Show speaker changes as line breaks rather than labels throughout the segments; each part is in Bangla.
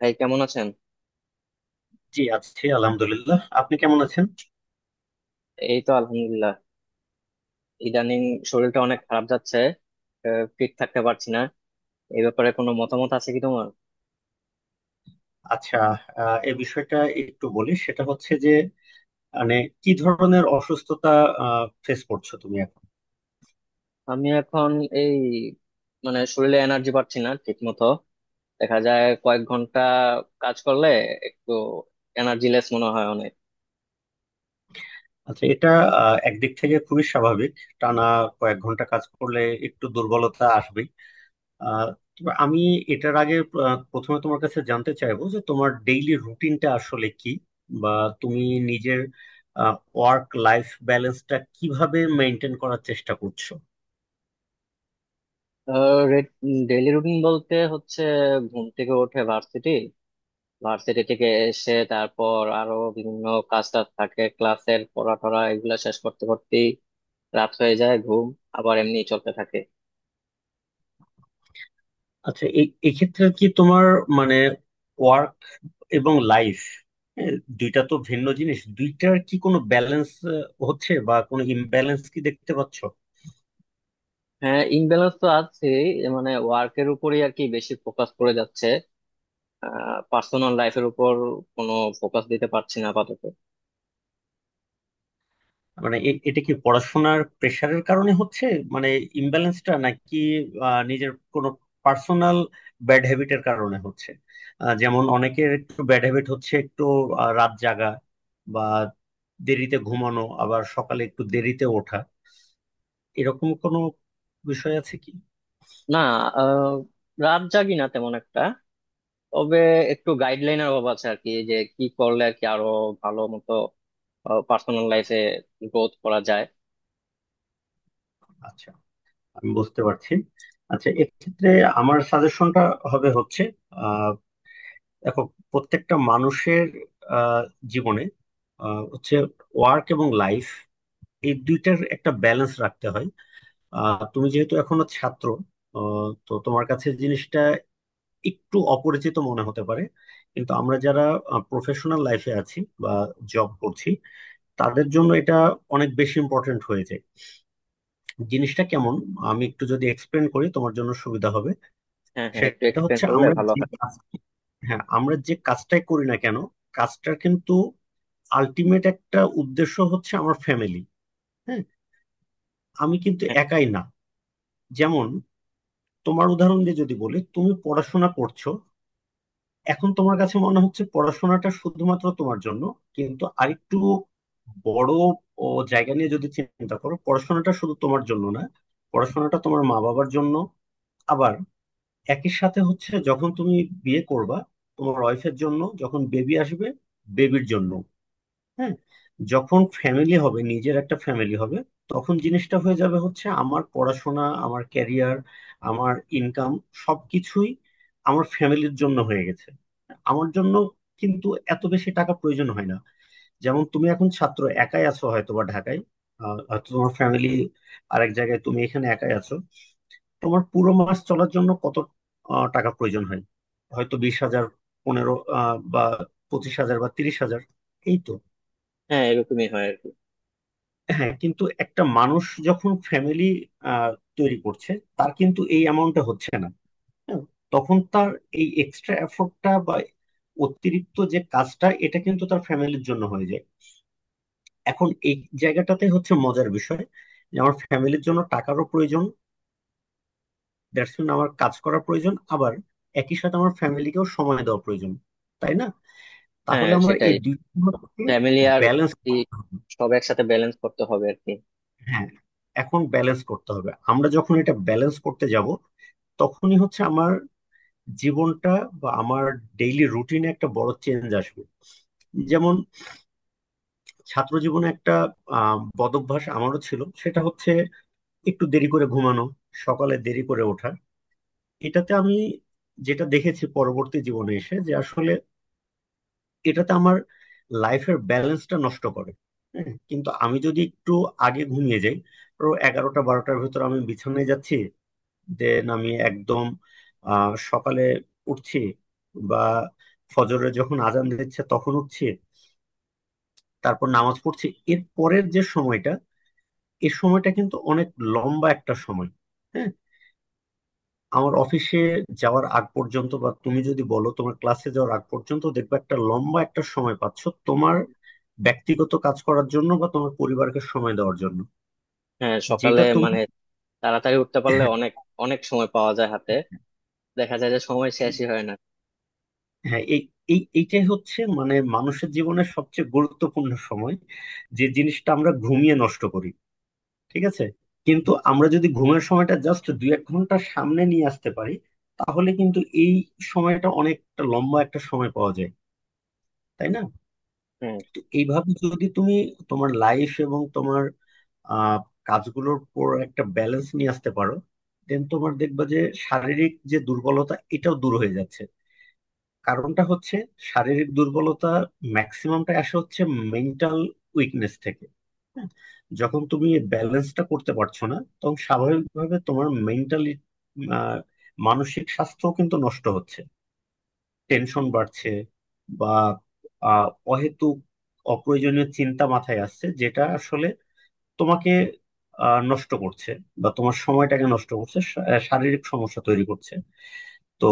ভাই কেমন আছেন?
জি আছি আলহামদুলিল্লাহ। আপনি কেমন আছেন?
এই তো আলহামদুলিল্লাহ। ইদানিং শরীরটা অনেক খারাপ যাচ্ছে। ফিট থাকতে পারছি না। এই ব্যাপারে কোনো মতামত আছে কি তোমার?
আচ্ছা। এই বিষয়টা একটু বলি, সেটা হচ্ছে যে মানে কি ধরনের অসুস্থতা ফেস করছো তুমি এখন?
আমি এখন এই মানে শরীরে এনার্জি পাচ্ছি না ঠিক মতো। দেখা যায় কয়েক ঘন্টা কাজ করলে একটু এনার্জি লেস মনে হয় অনেক।
আচ্ছা, এটা একদিক থেকে খুবই স্বাভাবিক। টানা কয়েক ঘন্টা কাজ করলে একটু দুর্বলতা আসবেই। আহ, তবে আমি এটার আগে প্রথমে তোমার কাছে জানতে চাইবো যে তোমার ডেইলি রুটিনটা আসলে কি, বা তুমি নিজের ওয়ার্ক লাইফ ব্যালেন্সটা কিভাবে মেনটেন করার চেষ্টা করছো।
ডেইলি রুটিন বলতে হচ্ছে ঘুম থেকে উঠে ভার্সিটি, ভার্সিটি থেকে এসে তারপর আরো বিভিন্ন কাজ টাজ থাকে, ক্লাসের পড়া টরা এগুলা শেষ করতে করতেই রাত হয়ে যায়। ঘুম আবার এমনি চলতে থাকে।
আচ্ছা, এই এক্ষেত্রে কি তোমার মানে ওয়ার্ক এবং লাইফ দুইটা তো ভিন্ন জিনিস, দুইটার কি কোনো ব্যালেন্স হচ্ছে বা কোনো ইমব্যালেন্স কি দেখতে পাচ্ছ?
হ্যাঁ ইমব্যালেন্স তো আছে, মানে ওয়ার্কের উপরই আর কি বেশি ফোকাস করে যাচ্ছে, পার্সোনাল লাইফের উপর কোনো ফোকাস দিতে পারছি না আপাতত।
মানে এটা কি পড়াশোনার প্রেশারের কারণে হচ্ছে, মানে ইমব্যালেন্সটা, নাকি নিজের কোনো পার্সোনাল ব্যাড হ্যাবিটের কারণে হচ্ছে? যেমন অনেকের একটু ব্যাড হ্যাবিট হচ্ছে একটু রাত জাগা বা দেরিতে ঘুমানো, আবার সকালে একটু দেরিতে ওঠা। এরকম কোনো বিষয় আছে কি?
না, আহ, রাত জাগি না তেমন একটা। তবে একটু গাইডলাইনের অভাব আছে আর কি, যে কি করলে আর কি আরো ভালো মতো পার্সোনাল লাইফে গ্রোথ করা যায়।
আচ্ছা, আমি বুঝতে পারছি। আচ্ছা, এক্ষেত্রে আমার সাজেশনটা হবে হচ্ছে আহ, দেখো প্রত্যেকটা মানুষের আহ, জীবনে হচ্ছে ওয়ার্ক এবং লাইফ, এই দুইটার একটা ব্যালেন্স রাখতে হয়। তুমি যেহেতু এখনো ছাত্র, তো তোমার কাছে জিনিসটা একটু অপরিচিত মনে হতে পারে, কিন্তু আমরা যারা প্রফেশনাল লাইফে আছি বা জব করছি, তাদের জন্য এটা অনেক বেশি ইম্পর্টেন্ট হয়ে যায়। জিনিসটা কেমন আমি একটু যদি এক্সপ্লেন করি তোমার জন্য সুবিধা হবে।
হ্যাঁ হ্যাঁ, একটু
সেটা
এক্সপ্লেন
হচ্ছে
করলে
আমরা
ভালো
যে
হয়।
কাজ হ্যাঁ, আমরা যে কাজটাই করি না কেন, কাজটার কিন্তু আলটিমেট একটা উদ্দেশ্য হচ্ছে আমার ফ্যামিলি। হ্যাঁ, আমি কিন্তু
হ্যাঁ
একাই না। যেমন তোমার উদাহরণ দিয়ে যদি বলি তুমি পড়াশোনা করছো, এখন তোমার কাছে মনে হচ্ছে পড়াশোনাটা শুধুমাত্র তোমার জন্য, কিন্তু আরেকটু বড় ও জায়গা নিয়ে যদি চিন্তা করো, পড়াশোনাটা শুধু তোমার জন্য না, পড়াশোনাটা তোমার মা বাবার জন্য। একই সাথে হচ্ছে যখন তুমি বিয়ে করবা, তোমার ওয়াইফের জন্য, যখন বেবি আসবে বেবির জন্য। হ্যাঁ, যখন ফ্যামিলি হবে, নিজের একটা ফ্যামিলি হবে, তখন জিনিসটা হয়ে যাবে হচ্ছে আমার পড়াশোনা, আমার ক্যারিয়ার, আমার ইনকাম সবকিছুই আমার ফ্যামিলির জন্য হয়ে গেছে। আমার জন্য কিন্তু এত বেশি টাকা প্রয়োজন হয় না। যেমন তুমি এখন ছাত্র, একাই আছো হয়তো বা ঢাকায়, হয়তো তোমার ফ্যামিলি আরেক জায়গায়, তুমি এখানে একাই আছো। তোমার পুরো মাস চলার জন্য কত টাকা প্রয়োজন হয়? হয়তো 20,000 15 বা 25,000 বা 30,000, এই তো।
হ্যাঁ এরকমই হয় আর কি।
হ্যাঁ, কিন্তু একটা মানুষ যখন ফ্যামিলি তৈরি করছে, তার কিন্তু এই অ্যামাউন্টটা হচ্ছে না। হ্যাঁ, তখন তার এই এক্সট্রা এফোর্টটা বা অতিরিক্ত যে কাজটা, এটা কিন্তু তার ফ্যামিলির জন্য হয়ে যায়। এখন এই জায়গাটাতে হচ্ছে মজার বিষয়, যে আমার ফ্যামিলির জন্য টাকারও প্রয়োজন, দ্যাটস মিন আমার কাজ করা প্রয়োজন, আবার একই সাথে আমার ফ্যামিলিকেও সময় দেওয়া প্রয়োজন। তাই না?
হ্যাঁ
তাহলে আমার
সেটাই,
এই দুইটাকে
ফ্যামিলি আর
ব্যালেন্স
ই
করতে হবে।
সব একসাথে ব্যালেন্স করতে হবে আর কি।
হ্যাঁ। এখন ব্যালেন্স করতে হবে, আমরা যখন এটা ব্যালেন্স করতে যাব, তখনই হচ্ছে আমার জীবনটা বা আমার ডেইলি রুটিনে একটা বড় চেঞ্জ আসবে। যেমন ছাত্র জীবনে একটা বদভ্যাস আমারও ছিল, সেটা হচ্ছে একটু দেরি করে ঘুমানো, সকালে দেরি করে ওঠা। এটাতে আমি যেটা দেখেছি পরবর্তী জীবনে এসে যে আসলে এটাতে আমার লাইফের ব্যালেন্সটা নষ্ট করে। হ্যাঁ, কিন্তু আমি যদি একটু আগে ঘুমিয়ে যাই, তো এগারোটা বারোটার ভেতর আমি বিছানায় যাচ্ছি, দেন আমি একদম সকালে উঠছি বা ফজরে যখন আজান দিচ্ছে তখন উঠছি, তারপর নামাজ পড়ছি। এর পরের যে সময়টা, এই সময়টা কিন্তু অনেক লম্বা একটা সময়। হ্যাঁ, আমার অফিসে যাওয়ার আগ পর্যন্ত বা তুমি যদি বলো তোমার ক্লাসে যাওয়ার আগ পর্যন্ত, দেখবে একটা লম্বা একটা সময় পাচ্ছ তোমার ব্যক্তিগত কাজ করার জন্য বা তোমার পরিবারকে সময় দেওয়ার জন্য,
হ্যাঁ সকালে
যেটা তুমি
মানে তাড়াতাড়ি উঠতে পারলে
হ্যাঁ।
অনেক অনেক সময় পাওয়া যায় হাতে, দেখা যায় যে সময় শেষই হয় না।
হ্যাঁ, এই এই এইটাই হচ্ছে মানে মানুষের জীবনের সবচেয়ে গুরুত্বপূর্ণ সময়, যে জিনিসটা আমরা ঘুমিয়ে নষ্ট করি। ঠিক আছে। কিন্তু আমরা যদি ঘুমের সময়টা জাস্ট দুই এক ঘন্টা সামনে নিয়ে আসতে পারি, তাহলে কিন্তু এই সময়টা অনেকটা লম্বা একটা সময় পাওয়া যায়। তাই না?
হ্যাঁ,
তো এইভাবে যদি তুমি তোমার লাইফ এবং তোমার আহ কাজগুলোর উপর একটা ব্যালেন্স নিয়ে আসতে পারো, দেন তোমার দেখবা যে শারীরিক যে দুর্বলতা এটাও দূর হয়ে যাচ্ছে। কারণটা হচ্ছে শারীরিক দুর্বলতা ম্যাক্সিমামটা আসে হচ্ছে মেন্টাল উইকনেস থেকে। হ্যাঁ, যখন তুমি ব্যালেন্সটা করতে পারছো না, তখন স্বাভাবিকভাবে তোমার মেন্টালি মানসিক স্বাস্থ্য কিন্তু নষ্ট হচ্ছে, টেনশন বাড়ছে, বা আহ, অহেতুক অপ্রয়োজনীয় চিন্তা মাথায় আসছে, যেটা আসলে তোমাকে নষ্ট করছে বা তোমার সময়টাকে নষ্ট করছে, শারীরিক সমস্যা তৈরি করছে। তো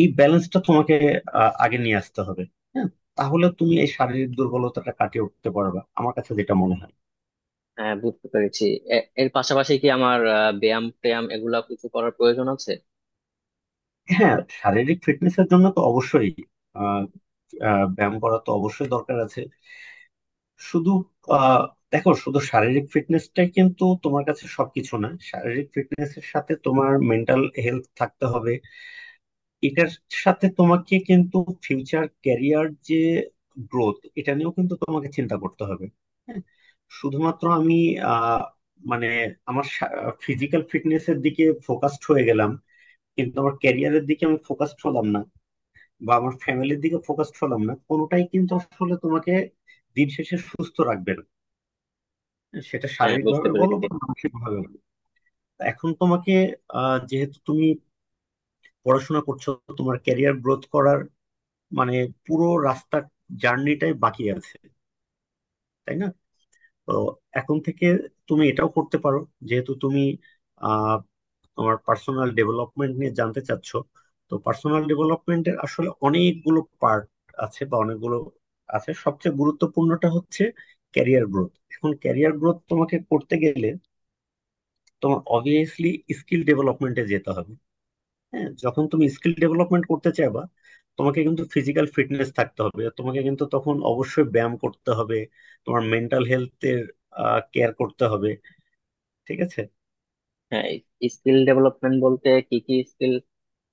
এই ব্যালেন্সটা তোমাকে আগে নিয়ে আসতে হবে। হ্যাঁ, তাহলে তুমি এই শারীরিক দুর্বলতাটা কাটিয়ে উঠতে পারবে, আমার কাছে যেটা মনে হয়।
হ্যাঁ বুঝতে পেরেছি। এর পাশাপাশি কি আমার ব্যায়াম ট্যায়াম এগুলা কিছু করার প্রয়োজন আছে?
হ্যাঁ, শারীরিক ফিটনেসের জন্য তো অবশ্যই আহ, ব্যায়াম করা তো অবশ্যই দরকার আছে। শুধু আহ দেখো শুধু শারীরিক ফিটনেসটাই কিন্তু তোমার কাছে সবকিছু না, শারীরিক ফিটনেসের সাথে তোমার মেন্টাল হেলথ থাকতে হবে। এটার সাথে তোমাকে কিন্তু ফিউচার ক্যারিয়ার যে গ্রোথ এটা নিয়েও কিন্তু তোমাকে চিন্তা করতে হবে। হ্যাঁ, শুধুমাত্র আমি আহ মানে আমার ফিজিক্যাল ফিটনেসের দিকে ফোকাসড হয়ে গেলাম, কিন্তু আমার ক্যারিয়ারের দিকে আমি ফোকাসড হলাম না বা আমার ফ্যামিলির দিকে ফোকাসড হলাম না, কোনোটাই কিন্তু আসলে তোমাকে দিন শেষে সুস্থ রাখবে না, সেটা
হ্যাঁ
শারীরিক
বুঝতে
ভাবে বলো
পেরেছি।
বা মানসিক ভাবে বলো। এখন তোমাকে যেহেতু তুমি পড়াশোনা করছো, তোমার ক্যারিয়ার গ্রোথ করার মানে পুরো রাস্তার জার্নিটাই বাকি আছে। তাই না? তো এখন থেকে তুমি এটাও করতে পারো, যেহেতু তুমি আহ, তোমার পার্সোনাল ডেভেলপমেন্ট নিয়ে জানতে চাচ্ছ, তো পার্সোনাল ডেভেলপমেন্টের আসলে অনেকগুলো পার্ট আছে বা অনেকগুলো আছে, সবচেয়ে গুরুত্বপূর্ণটা হচ্ছে ক্যারিয়ার গ্রোথ। এখন ক্যারিয়ার গ্রোথ তোমাকে করতে গেলে তোমার অবভিয়াসলি স্কিল ডেভেলপমেন্টে যেতে হবে। হ্যাঁ, যখন তুমি স্কিল ডেভেলপমেন্ট করতে চাইবা, তোমাকে কিন্তু ফিজিক্যাল ফিটনেস থাকতে হবে, তোমাকে কিন্তু তখন অবশ্যই ব্যায়াম করতে হবে, তোমার মেন্টাল হেলথের কেয়ার করতে হবে। ঠিক আছে।
হ্যাঁ, স্কিল ডেভেলপমেন্ট বলতে কি কি স্কিল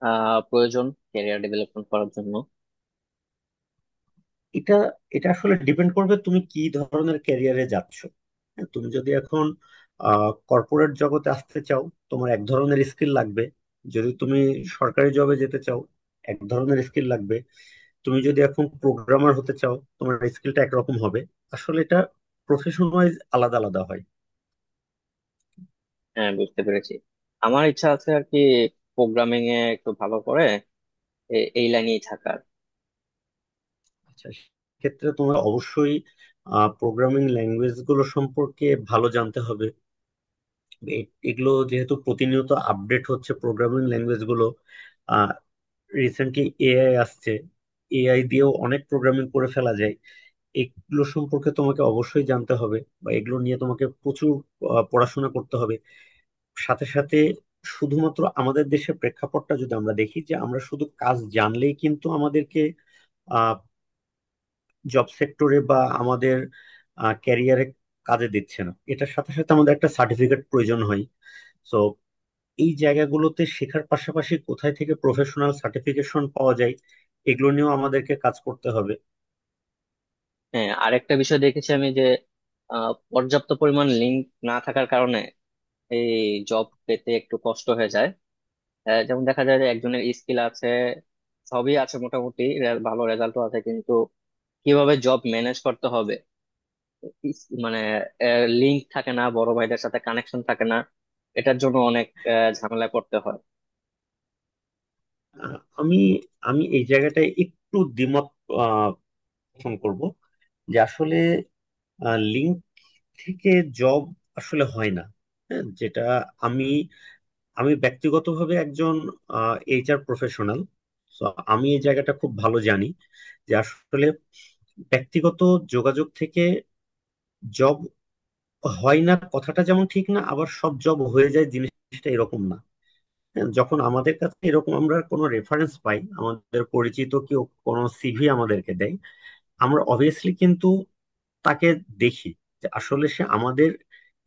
প্রয়োজন ক্যারিয়ার ডেভেলপমেন্ট করার জন্য?
এটা এটা আসলে ডিপেন্ড করবে তুমি কি ধরনের ক্যারিয়ারে যাচ্ছ। হ্যাঁ, তুমি যদি এখন কর্পোরেট জগতে আসতে চাও, তোমার এক ধরনের স্কিল লাগবে। যদি তুমি সরকারি জবে যেতে চাও, এক ধরনের স্কিল লাগবে। তুমি যদি এখন প্রোগ্রামার হতে চাও, তোমার স্কিলটা একরকম হবে। আসলে এটা প্রফেশন ওয়াইজ আলাদা আলাদা হয়।
হ্যাঁ বুঝতে পেরেছি। আমার ইচ্ছা আছে আর কি প্রোগ্রামিং এ একটু ভালো করে, এই লাইনেই থাকার।
আচ্ছা, ক্ষেত্রে তোমার অবশ্যই প্রোগ্রামিং ল্যাঙ্গুয়েজ গুলো সম্পর্কে ভালো জানতে হবে। এগুলো যেহেতু প্রতিনিয়ত আপডেট হচ্ছে প্রোগ্রামিং ল্যাঙ্গুয়েজ গুলো, রিসেন্টলি এআই আসছে, এআই দিয়েও অনেক প্রোগ্রামিং করে ফেলা যায়, এগুলো সম্পর্কে তোমাকে অবশ্যই জানতে হবে বা এগুলো নিয়ে তোমাকে প্রচুর পড়াশোনা করতে হবে। সাথে সাথে শুধুমাত্র আমাদের দেশের প্রেক্ষাপটটা যদি আমরা দেখি যে আমরা শুধু কাজ জানলেই কিন্তু আমাদেরকে জব সেক্টরে বা আমাদের ক্যারিয়ারে কাজে দিচ্ছে না, এটার সাথে সাথে আমাদের একটা সার্টিফিকেট প্রয়োজন হয়। সো এই জায়গাগুলোতে শেখার পাশাপাশি কোথায় থেকে প্রফেশনাল সার্টিফিকেশন পাওয়া যায় এগুলো নিয়েও আমাদেরকে কাজ করতে হবে।
হ্যাঁ আরেকটা বিষয় দেখেছি আমি যে পর্যাপ্ত পরিমাণ লিঙ্ক না থাকার কারণে এই জব পেতে একটু কষ্ট হয়ে যায়। যেমন দেখা যায় যে একজনের স্কিল আছে, সবই আছে, মোটামুটি ভালো রেজাল্টও আছে, কিন্তু কিভাবে জব ম্যানেজ করতে হবে, মানে লিংক থাকে না, বড় ভাইদের সাথে কানেকশন থাকে না, এটার জন্য অনেক ঝামেলা করতে হয়।
আমি আমি এই জায়গাটায় একটু দ্বিমত আহ, পোষণ করব, যে আসলে লিঙ্ক থেকে জব আসলে হয় না। হ্যাঁ, যেটা আমি আমি ব্যক্তিগতভাবে একজন এইচআর প্রফেশনাল, তো আমি এই জায়গাটা খুব ভালো জানি, যে আসলে ব্যক্তিগত যোগাযোগ থেকে জব হয় না কথাটা যেমন ঠিক না, আবার সব জব হয়ে যায় জিনিসটা এরকম না। হ্যাঁ, যখন আমাদের কাছে এরকম আমরা কোনো রেফারেন্স পাই, আমাদের পরিচিত কেউ কোনো সিভি আমাদেরকে দেয়, আমরা অবভিয়াসলি কিন্তু তাকে দেখি যে আসলে সে আমাদের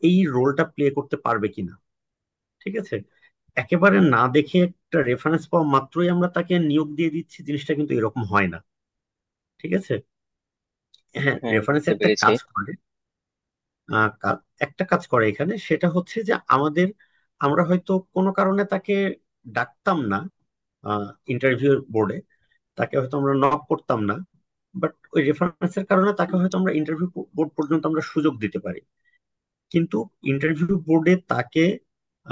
এই রোলটা প্লে করতে পারবে কিনা। ঠিক আছে। একেবারে না দেখে একটা রেফারেন্স পাওয়া মাত্রই আমরা তাকে নিয়োগ দিয়ে দিচ্ছি, জিনিসটা কিন্তু এরকম হয় না। ঠিক আছে। হ্যাঁ,
হ্যাঁ
রেফারেন্স
বুঝতে
একটা
পেরেছি।
কাজ করে। আহ, কা- একটা কাজ করে এখানে, সেটা হচ্ছে যে আমাদের আমরা হয়তো কোনো কারণে তাকে ডাকতাম না ইন্টারভিউ বোর্ডে, তাকে হয়তো আমরা নক করতাম না, বাট ওই রেফারেন্সের কারণে তাকে হয়তো আমরা ইন্টারভিউ বোর্ড পর্যন্ত আমরা সুযোগ দিতে পারি। কিন্তু ইন্টারভিউ বোর্ডে তাকে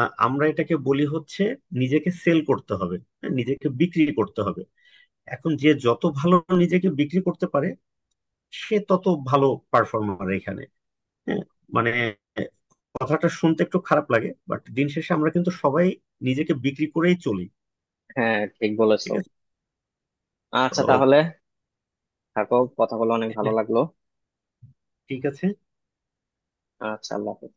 আমরা এটাকে বলি হচ্ছে নিজেকে সেল করতে হবে, হ্যাঁ, নিজেকে বিক্রি করতে হবে। এখন যে যত ভালো নিজেকে বিক্রি করতে পারে, সে তত ভালো পারফর্মার এখানে। হ্যাঁ, মানে কথাটা শুনতে একটু খারাপ লাগে, বাট দিন শেষে আমরা কিন্তু সবাই নিজেকে বিক্রি করেই চলি।
হ্যাঁ ঠিক
ঠিক
বলেছো।
আছে।
আচ্ছা
তো
তাহলে থাকো, কথা বলে অনেক ভালো
হ্যাঁ,
লাগলো।
ঠিক আছে।
আচ্ছা আল্লাহ হাফেজ।